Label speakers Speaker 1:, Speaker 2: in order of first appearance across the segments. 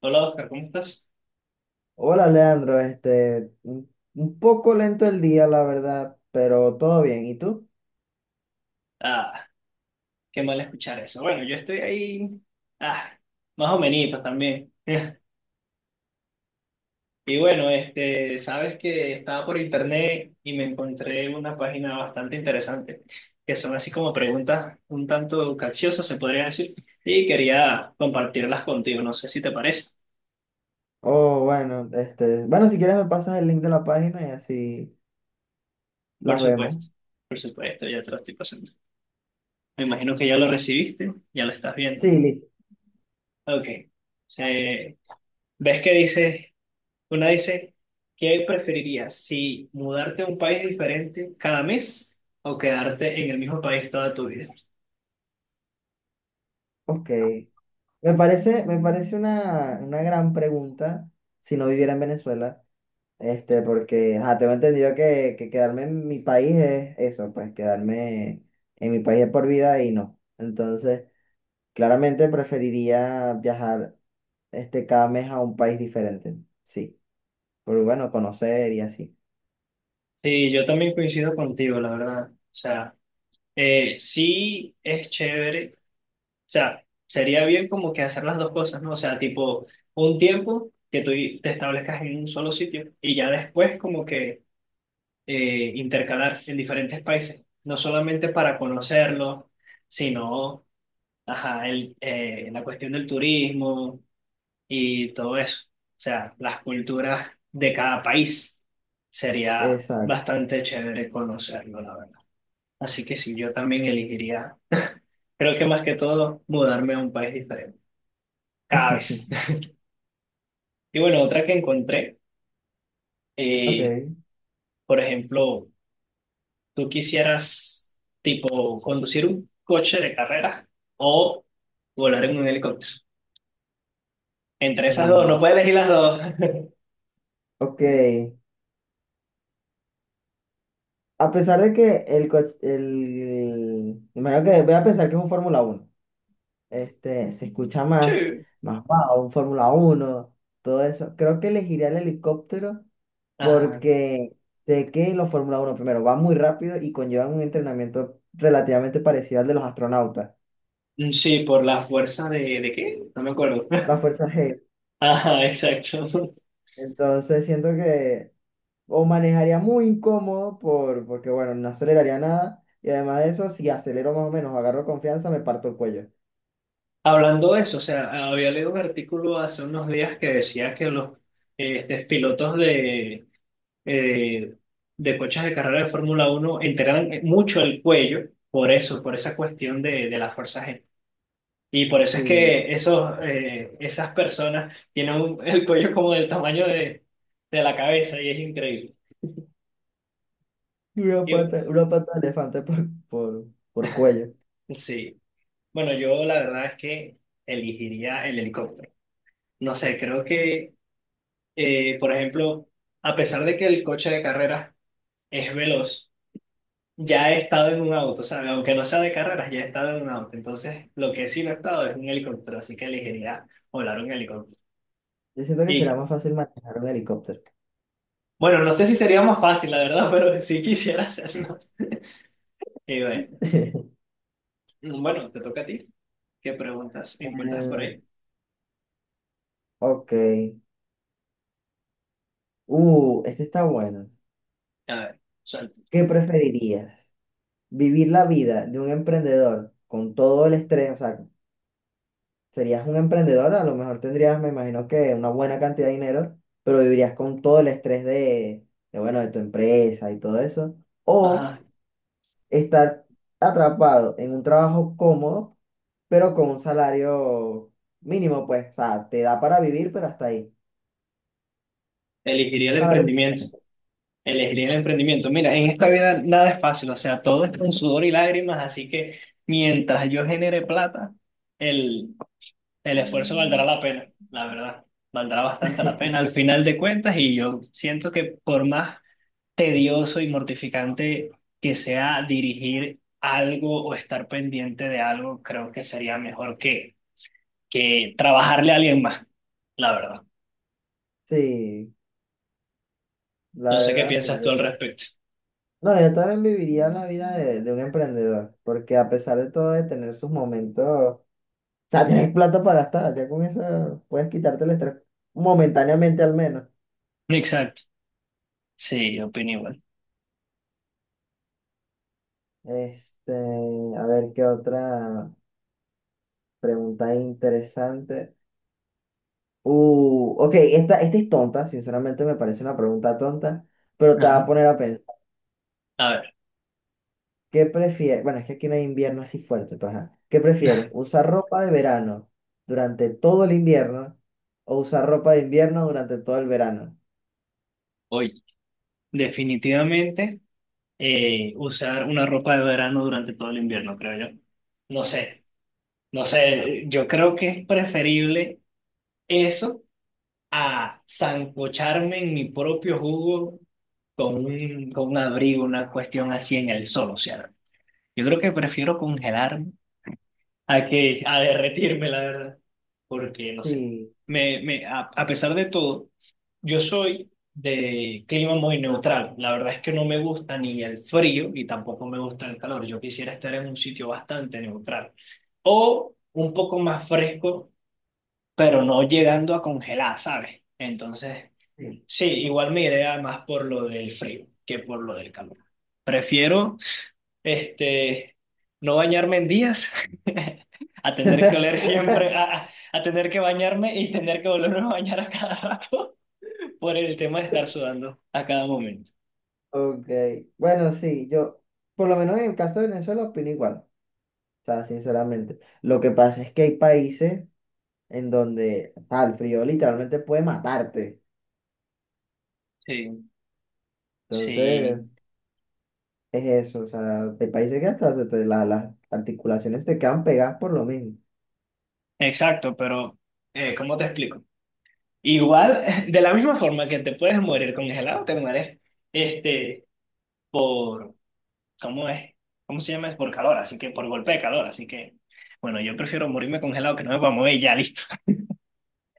Speaker 1: Hola Oscar, ¿cómo estás?
Speaker 2: Hola Leandro, un poco lento el día, la verdad, pero todo bien. ¿Y tú?
Speaker 1: Ah, qué mal escuchar eso. Bueno, yo estoy ahí, ah, más o menos también. Y bueno, sabes que estaba por internet y me encontré una página bastante interesante, que son así como preguntas un tanto capciosas, se podría decir, y quería compartirlas contigo, no sé si te parece.
Speaker 2: Oh, bueno, bueno, si quieres me pasas el link de la página y así
Speaker 1: Por
Speaker 2: las vemos.
Speaker 1: supuesto, por supuesto, ya te lo estoy pasando. Me imagino que ya lo recibiste, ya lo estás viendo.
Speaker 2: Sí, listo.
Speaker 1: Ok. Eh, ¿Ves que dice? Una dice, ¿qué preferirías? ¿Si mudarte a un país diferente cada mes o quedarte en el mismo país toda tu vida?
Speaker 2: Ok. Me parece una gran pregunta si no viviera en Venezuela, porque, ajá, tengo entendido que quedarme en mi país es eso, pues quedarme en mi país es por vida y no. Entonces, claramente preferiría viajar cada mes a un país diferente. Sí, pero bueno, conocer y así.
Speaker 1: Sí, yo también coincido contigo, la verdad. O sea, sí es chévere. O sea, sería bien como que hacer las dos cosas, ¿no? O sea, tipo, un tiempo que tú te establezcas en un solo sitio y ya después como que intercalar en diferentes países, no solamente para conocerlos, sino, ajá, la cuestión del turismo y todo eso. O sea, las culturas de cada país sería
Speaker 2: Exacto.
Speaker 1: bastante chévere conocerlo, la verdad. Así que sí, yo también elegiría, creo que más que todo, mudarme a un país diferente, cada vez. Y bueno, otra que encontré, eh,
Speaker 2: Ok.
Speaker 1: por ejemplo, tú quisieras, tipo, conducir un coche de carrera o volar en un helicóptero. Entre esas dos, no
Speaker 2: Uh,
Speaker 1: puedes elegir las dos.
Speaker 2: ok. A pesar de que el coche, imagino que voy a pensar que es un Fórmula 1. Se escucha
Speaker 1: Sí.
Speaker 2: más wow, un Fórmula 1 todo eso. Creo que elegiría el helicóptero
Speaker 1: Ajá.
Speaker 2: porque sé que los Fórmula 1 primero, van muy rápido y conllevan un entrenamiento relativamente parecido al de los astronautas,
Speaker 1: Sí, por la fuerza ¿de qué? No me acuerdo.
Speaker 2: la Fuerza G.
Speaker 1: Ajá, exacto.
Speaker 2: Entonces siento que o manejaría muy incómodo porque, bueno, no aceleraría nada. Y además de eso, si acelero más o menos, agarro confianza, me parto el cuello.
Speaker 1: Hablando de eso, o sea, había leído un artículo hace unos días que decía que los pilotos eh, de coches de carrera de Fórmula 1 entrenan mucho el cuello por eso, por esa cuestión de la fuerza G. Y por eso es
Speaker 2: Sí,
Speaker 1: que esos, esas personas tienen un- el cuello como del tamaño de la cabeza y es increíble. Y,
Speaker 2: una pata de elefante por cuello.
Speaker 1: sí, bueno, yo la verdad es que elegiría el helicóptero. No sé, creo que por ejemplo, a pesar de que el coche de carreras es veloz, ya he estado en un auto, ¿sabes? Aunque no sea de carreras, ya he estado en un auto. Entonces, lo que sí no he estado es en un helicóptero, así que elegiría volar un helicóptero.
Speaker 2: Yo siento que
Speaker 1: Y
Speaker 2: será más fácil manejar un helicóptero.
Speaker 1: bueno, no sé si sería más fácil, la verdad, pero sí quisiera hacerlo. Y bueno, bueno, te toca a ti. ¿Qué preguntas encuentras por
Speaker 2: Eh,
Speaker 1: ahí?
Speaker 2: ok. Este está bueno.
Speaker 1: A ver, suelta.
Speaker 2: ¿Qué preferirías? ¿Vivir la vida de un emprendedor con todo el estrés? O sea, serías un emprendedor, a lo mejor tendrías, me imagino que una buena cantidad de dinero, pero vivirías con todo el estrés de, bueno, de tu empresa y todo eso. O
Speaker 1: Ajá,
Speaker 2: estar atrapado en un trabajo cómodo, pero con un salario mínimo, pues, o sea, te da para vivir, pero hasta ahí.
Speaker 1: elegiría el
Speaker 2: Salario,
Speaker 1: emprendimiento. Elegiría el emprendimiento. Mira, en esta vida nada es fácil, o sea, todo es con sudor y lágrimas, así que mientras yo genere plata, el, el esfuerzo valdrá la pena, la verdad, valdrá bastante la pena al final de cuentas y yo siento que por más tedioso y mortificante que sea dirigir algo o estar pendiente de algo, creo que sería mejor que trabajarle a alguien más, la verdad.
Speaker 2: sí, la
Speaker 1: No sé qué
Speaker 2: verdad, sí.
Speaker 1: piensas
Speaker 2: Yo,
Speaker 1: tú al respecto.
Speaker 2: no, yo también viviría la vida de un emprendedor, porque a pesar de todo, de tener sus momentos. Sea, tienes plata para gastar, ya con eso puedes quitarte el estrés momentáneamente al menos.
Speaker 1: Exacto. Sí, opino igual.
Speaker 2: Este, a ver qué otra pregunta interesante. Ok, esta es tonta, sinceramente me parece una pregunta tonta, pero te va a
Speaker 1: Ajá.
Speaker 2: poner a pensar.
Speaker 1: A ver.
Speaker 2: ¿Qué prefieres? Bueno, es que aquí no hay invierno así fuerte, pero ajá. ¿Qué prefieres? ¿Usar ropa de verano durante todo el invierno o usar ropa de invierno durante todo el verano?
Speaker 1: Hoy. Definitivamente, usar una ropa de verano durante todo el invierno, creo yo. No sé, no sé, yo creo que es preferible eso a sancocharme en mi propio jugo con un abrigo, una cuestión así en el sol, o sea, yo creo que prefiero congelar a que a derretirme, la verdad, porque no sé.
Speaker 2: Sí.
Speaker 1: Me, a pesar de todo, yo soy de clima muy neutral. La verdad es que no me gusta ni el frío y tampoco me gusta el calor. Yo quisiera estar en un sitio bastante neutral o un poco más fresco, pero no llegando a congelar, ¿sabes? Entonces,
Speaker 2: Sí.
Speaker 1: sí, igual me iré a más por lo del frío que por lo del calor. Prefiero este, no bañarme en días, a tener que oler siempre, a tener que bañarme y tener que volverme a bañar a cada rato por el tema de estar sudando a cada momento.
Speaker 2: Ok, bueno, sí, yo, por lo menos en el caso de Venezuela, opino igual, o sea, sinceramente. Lo que pasa es que hay países en donde el frío literalmente puede matarte.
Speaker 1: Sí,
Speaker 2: Entonces,
Speaker 1: sí,
Speaker 2: es eso, o sea, hay países que hasta las articulaciones te quedan pegadas por lo mismo.
Speaker 1: exacto, pero ¿cómo te explico? Igual, de la misma forma que te puedes morir congelado, te mueres este, por, ¿cómo es? ¿Cómo se llama? Es por calor, así que por golpe de calor, así que, bueno, yo prefiero morirme congelado que no me pueda mover y ya, listo.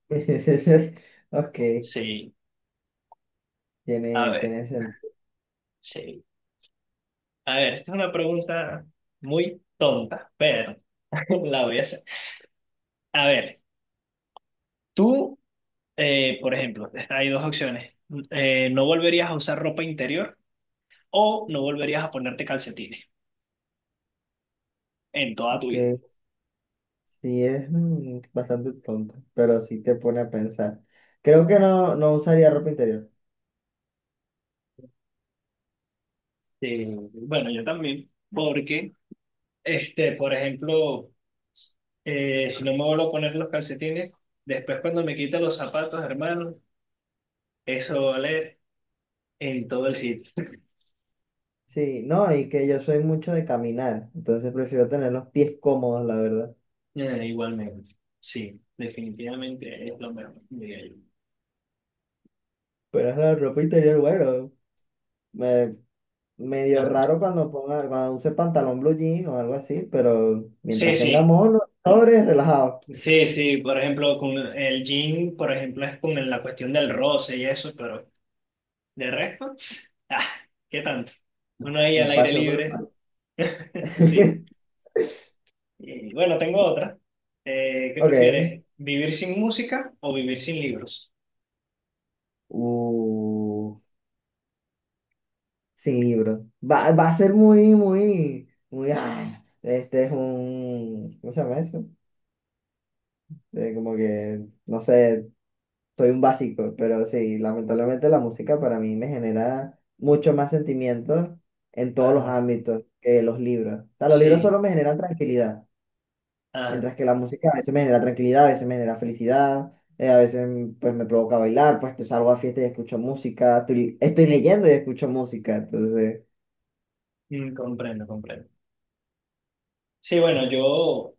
Speaker 2: Ok,
Speaker 1: Sí, a
Speaker 2: tiene,
Speaker 1: ver,
Speaker 2: tiene sentido.
Speaker 1: sí. A ver, esta es una pregunta muy tonta, pero la voy a hacer. A ver, tú, por ejemplo, hay dos opciones. No volverías a usar ropa interior o no volverías a ponerte calcetines en toda tu
Speaker 2: Ok,
Speaker 1: vida.
Speaker 2: sí, es bastante tonto, pero sí te pone a pensar. Creo que no, no usaría ropa interior.
Speaker 1: Eh, bueno, yo también, porque, por ejemplo, si no me vuelvo a poner los calcetines, después cuando me quita los zapatos, hermano, eso va a oler en todo el sitio.
Speaker 2: Sí, no, y que yo soy mucho de caminar, entonces prefiero tener los pies cómodos, la verdad.
Speaker 1: Igualmente, sí, definitivamente es lo mejor, diría yo.
Speaker 2: Pero es la ropa interior, bueno, me, medio
Speaker 1: Ah,
Speaker 2: raro cuando use pantalón blue jean o algo así, pero
Speaker 1: sí,
Speaker 2: mientras
Speaker 1: sí,
Speaker 2: tenga mono, sobres, relajado,
Speaker 1: sí, sí, por ejemplo, con el jean, por ejemplo, es con la cuestión del roce y eso, pero de resto, ah, ¿qué tanto? Uno ahí al
Speaker 2: un
Speaker 1: aire
Speaker 2: paseo por el
Speaker 1: libre,
Speaker 2: parque.
Speaker 1: sí. Y bueno, tengo otra. ¿Qué
Speaker 2: Ok,
Speaker 1: prefieres? ¿Vivir sin música o vivir sin libros?
Speaker 2: uh, sin libro. Va a ser muy, muy, muy, este es un, ¿cómo se llama eso? Como que, no sé, soy un básico, pero sí, lamentablemente la música para mí me genera mucho más sentimientos en todos los
Speaker 1: Ajá,
Speaker 2: ámbitos que los libros. O sea, los libros
Speaker 1: sí,
Speaker 2: solo me generan tranquilidad,
Speaker 1: ah,
Speaker 2: mientras que la música a veces me genera tranquilidad, a veces me genera felicidad, a veces pues me provoca bailar, pues te salgo a fiesta y escucho música, estoy leyendo y escucho música, entonces,
Speaker 1: mm, comprendo, comprendo. Sí, bueno, yo...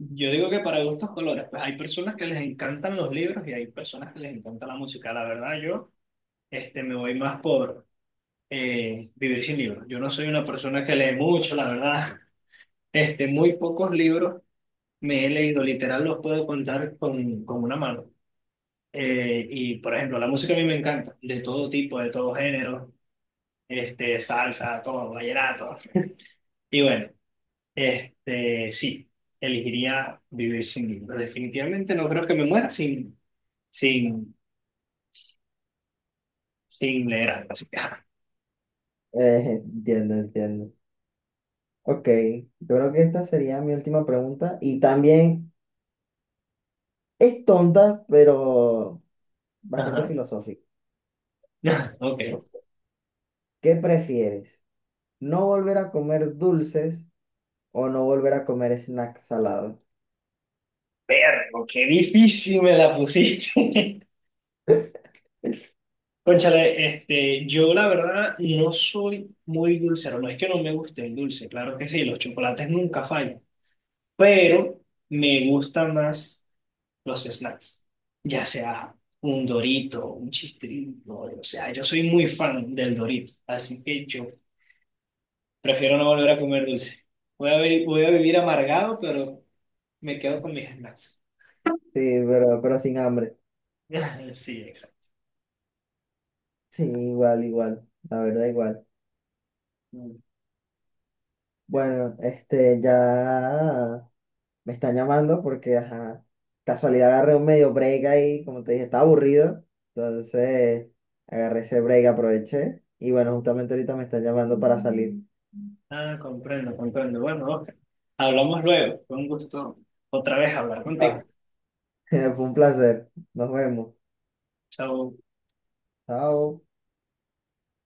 Speaker 1: Yo digo que para gustos colores, pues hay personas que les encantan los libros y hay personas que les encanta la música. La verdad, yo me voy más por vivir sin libros. Yo no soy una persona que lee mucho, la verdad. Muy pocos libros me he leído, literal los puedo contar con una mano. Y por ejemplo, la música a mí me encanta, de todo tipo, de todo género, salsa, todo, vallenato. Y bueno, sí, elegiría vivir sin libros. Definitivamente no creo que me muera sin sin, sin leer algo. Así que, ah,
Speaker 2: entiendo, entiendo. Ok, yo creo que esta sería mi última pregunta y también es tonta, pero bastante
Speaker 1: ajá.
Speaker 2: filosófica.
Speaker 1: Ok.
Speaker 2: ¿Qué prefieres? ¿No volver a comer dulces o no volver a comer snacks salados?
Speaker 1: Vergo, qué difícil me la pusiste. Cónchale, yo la verdad no soy muy dulcero. No es que no me guste el dulce, claro que sí, los chocolates nunca fallan. Pero me gustan más los snacks, ya sea un Dorito, un Chistrito. O sea, yo soy muy fan del Dorito. Así que yo prefiero no volver a comer dulce. Voy a, vi- voy a vivir amargado, pero me quedo con mis snacks.
Speaker 2: Sí, pero sin hambre.
Speaker 1: Sí, exacto.
Speaker 2: Sí, igual, igual. La verdad, igual.
Speaker 1: Mm.
Speaker 2: Bueno, ya me están llamando porque, ajá, casualidad agarré un medio break ahí, como te dije, estaba aburrido. Entonces, agarré ese break, aproveché. Y bueno, justamente ahorita me están llamando para salir.
Speaker 1: Ah, comprendo, comprendo. Bueno, Oscar, hablamos luego. Fue un gusto otra vez hablar contigo.
Speaker 2: Va. Fue un placer. Nos vemos.
Speaker 1: Chao.
Speaker 2: Chao.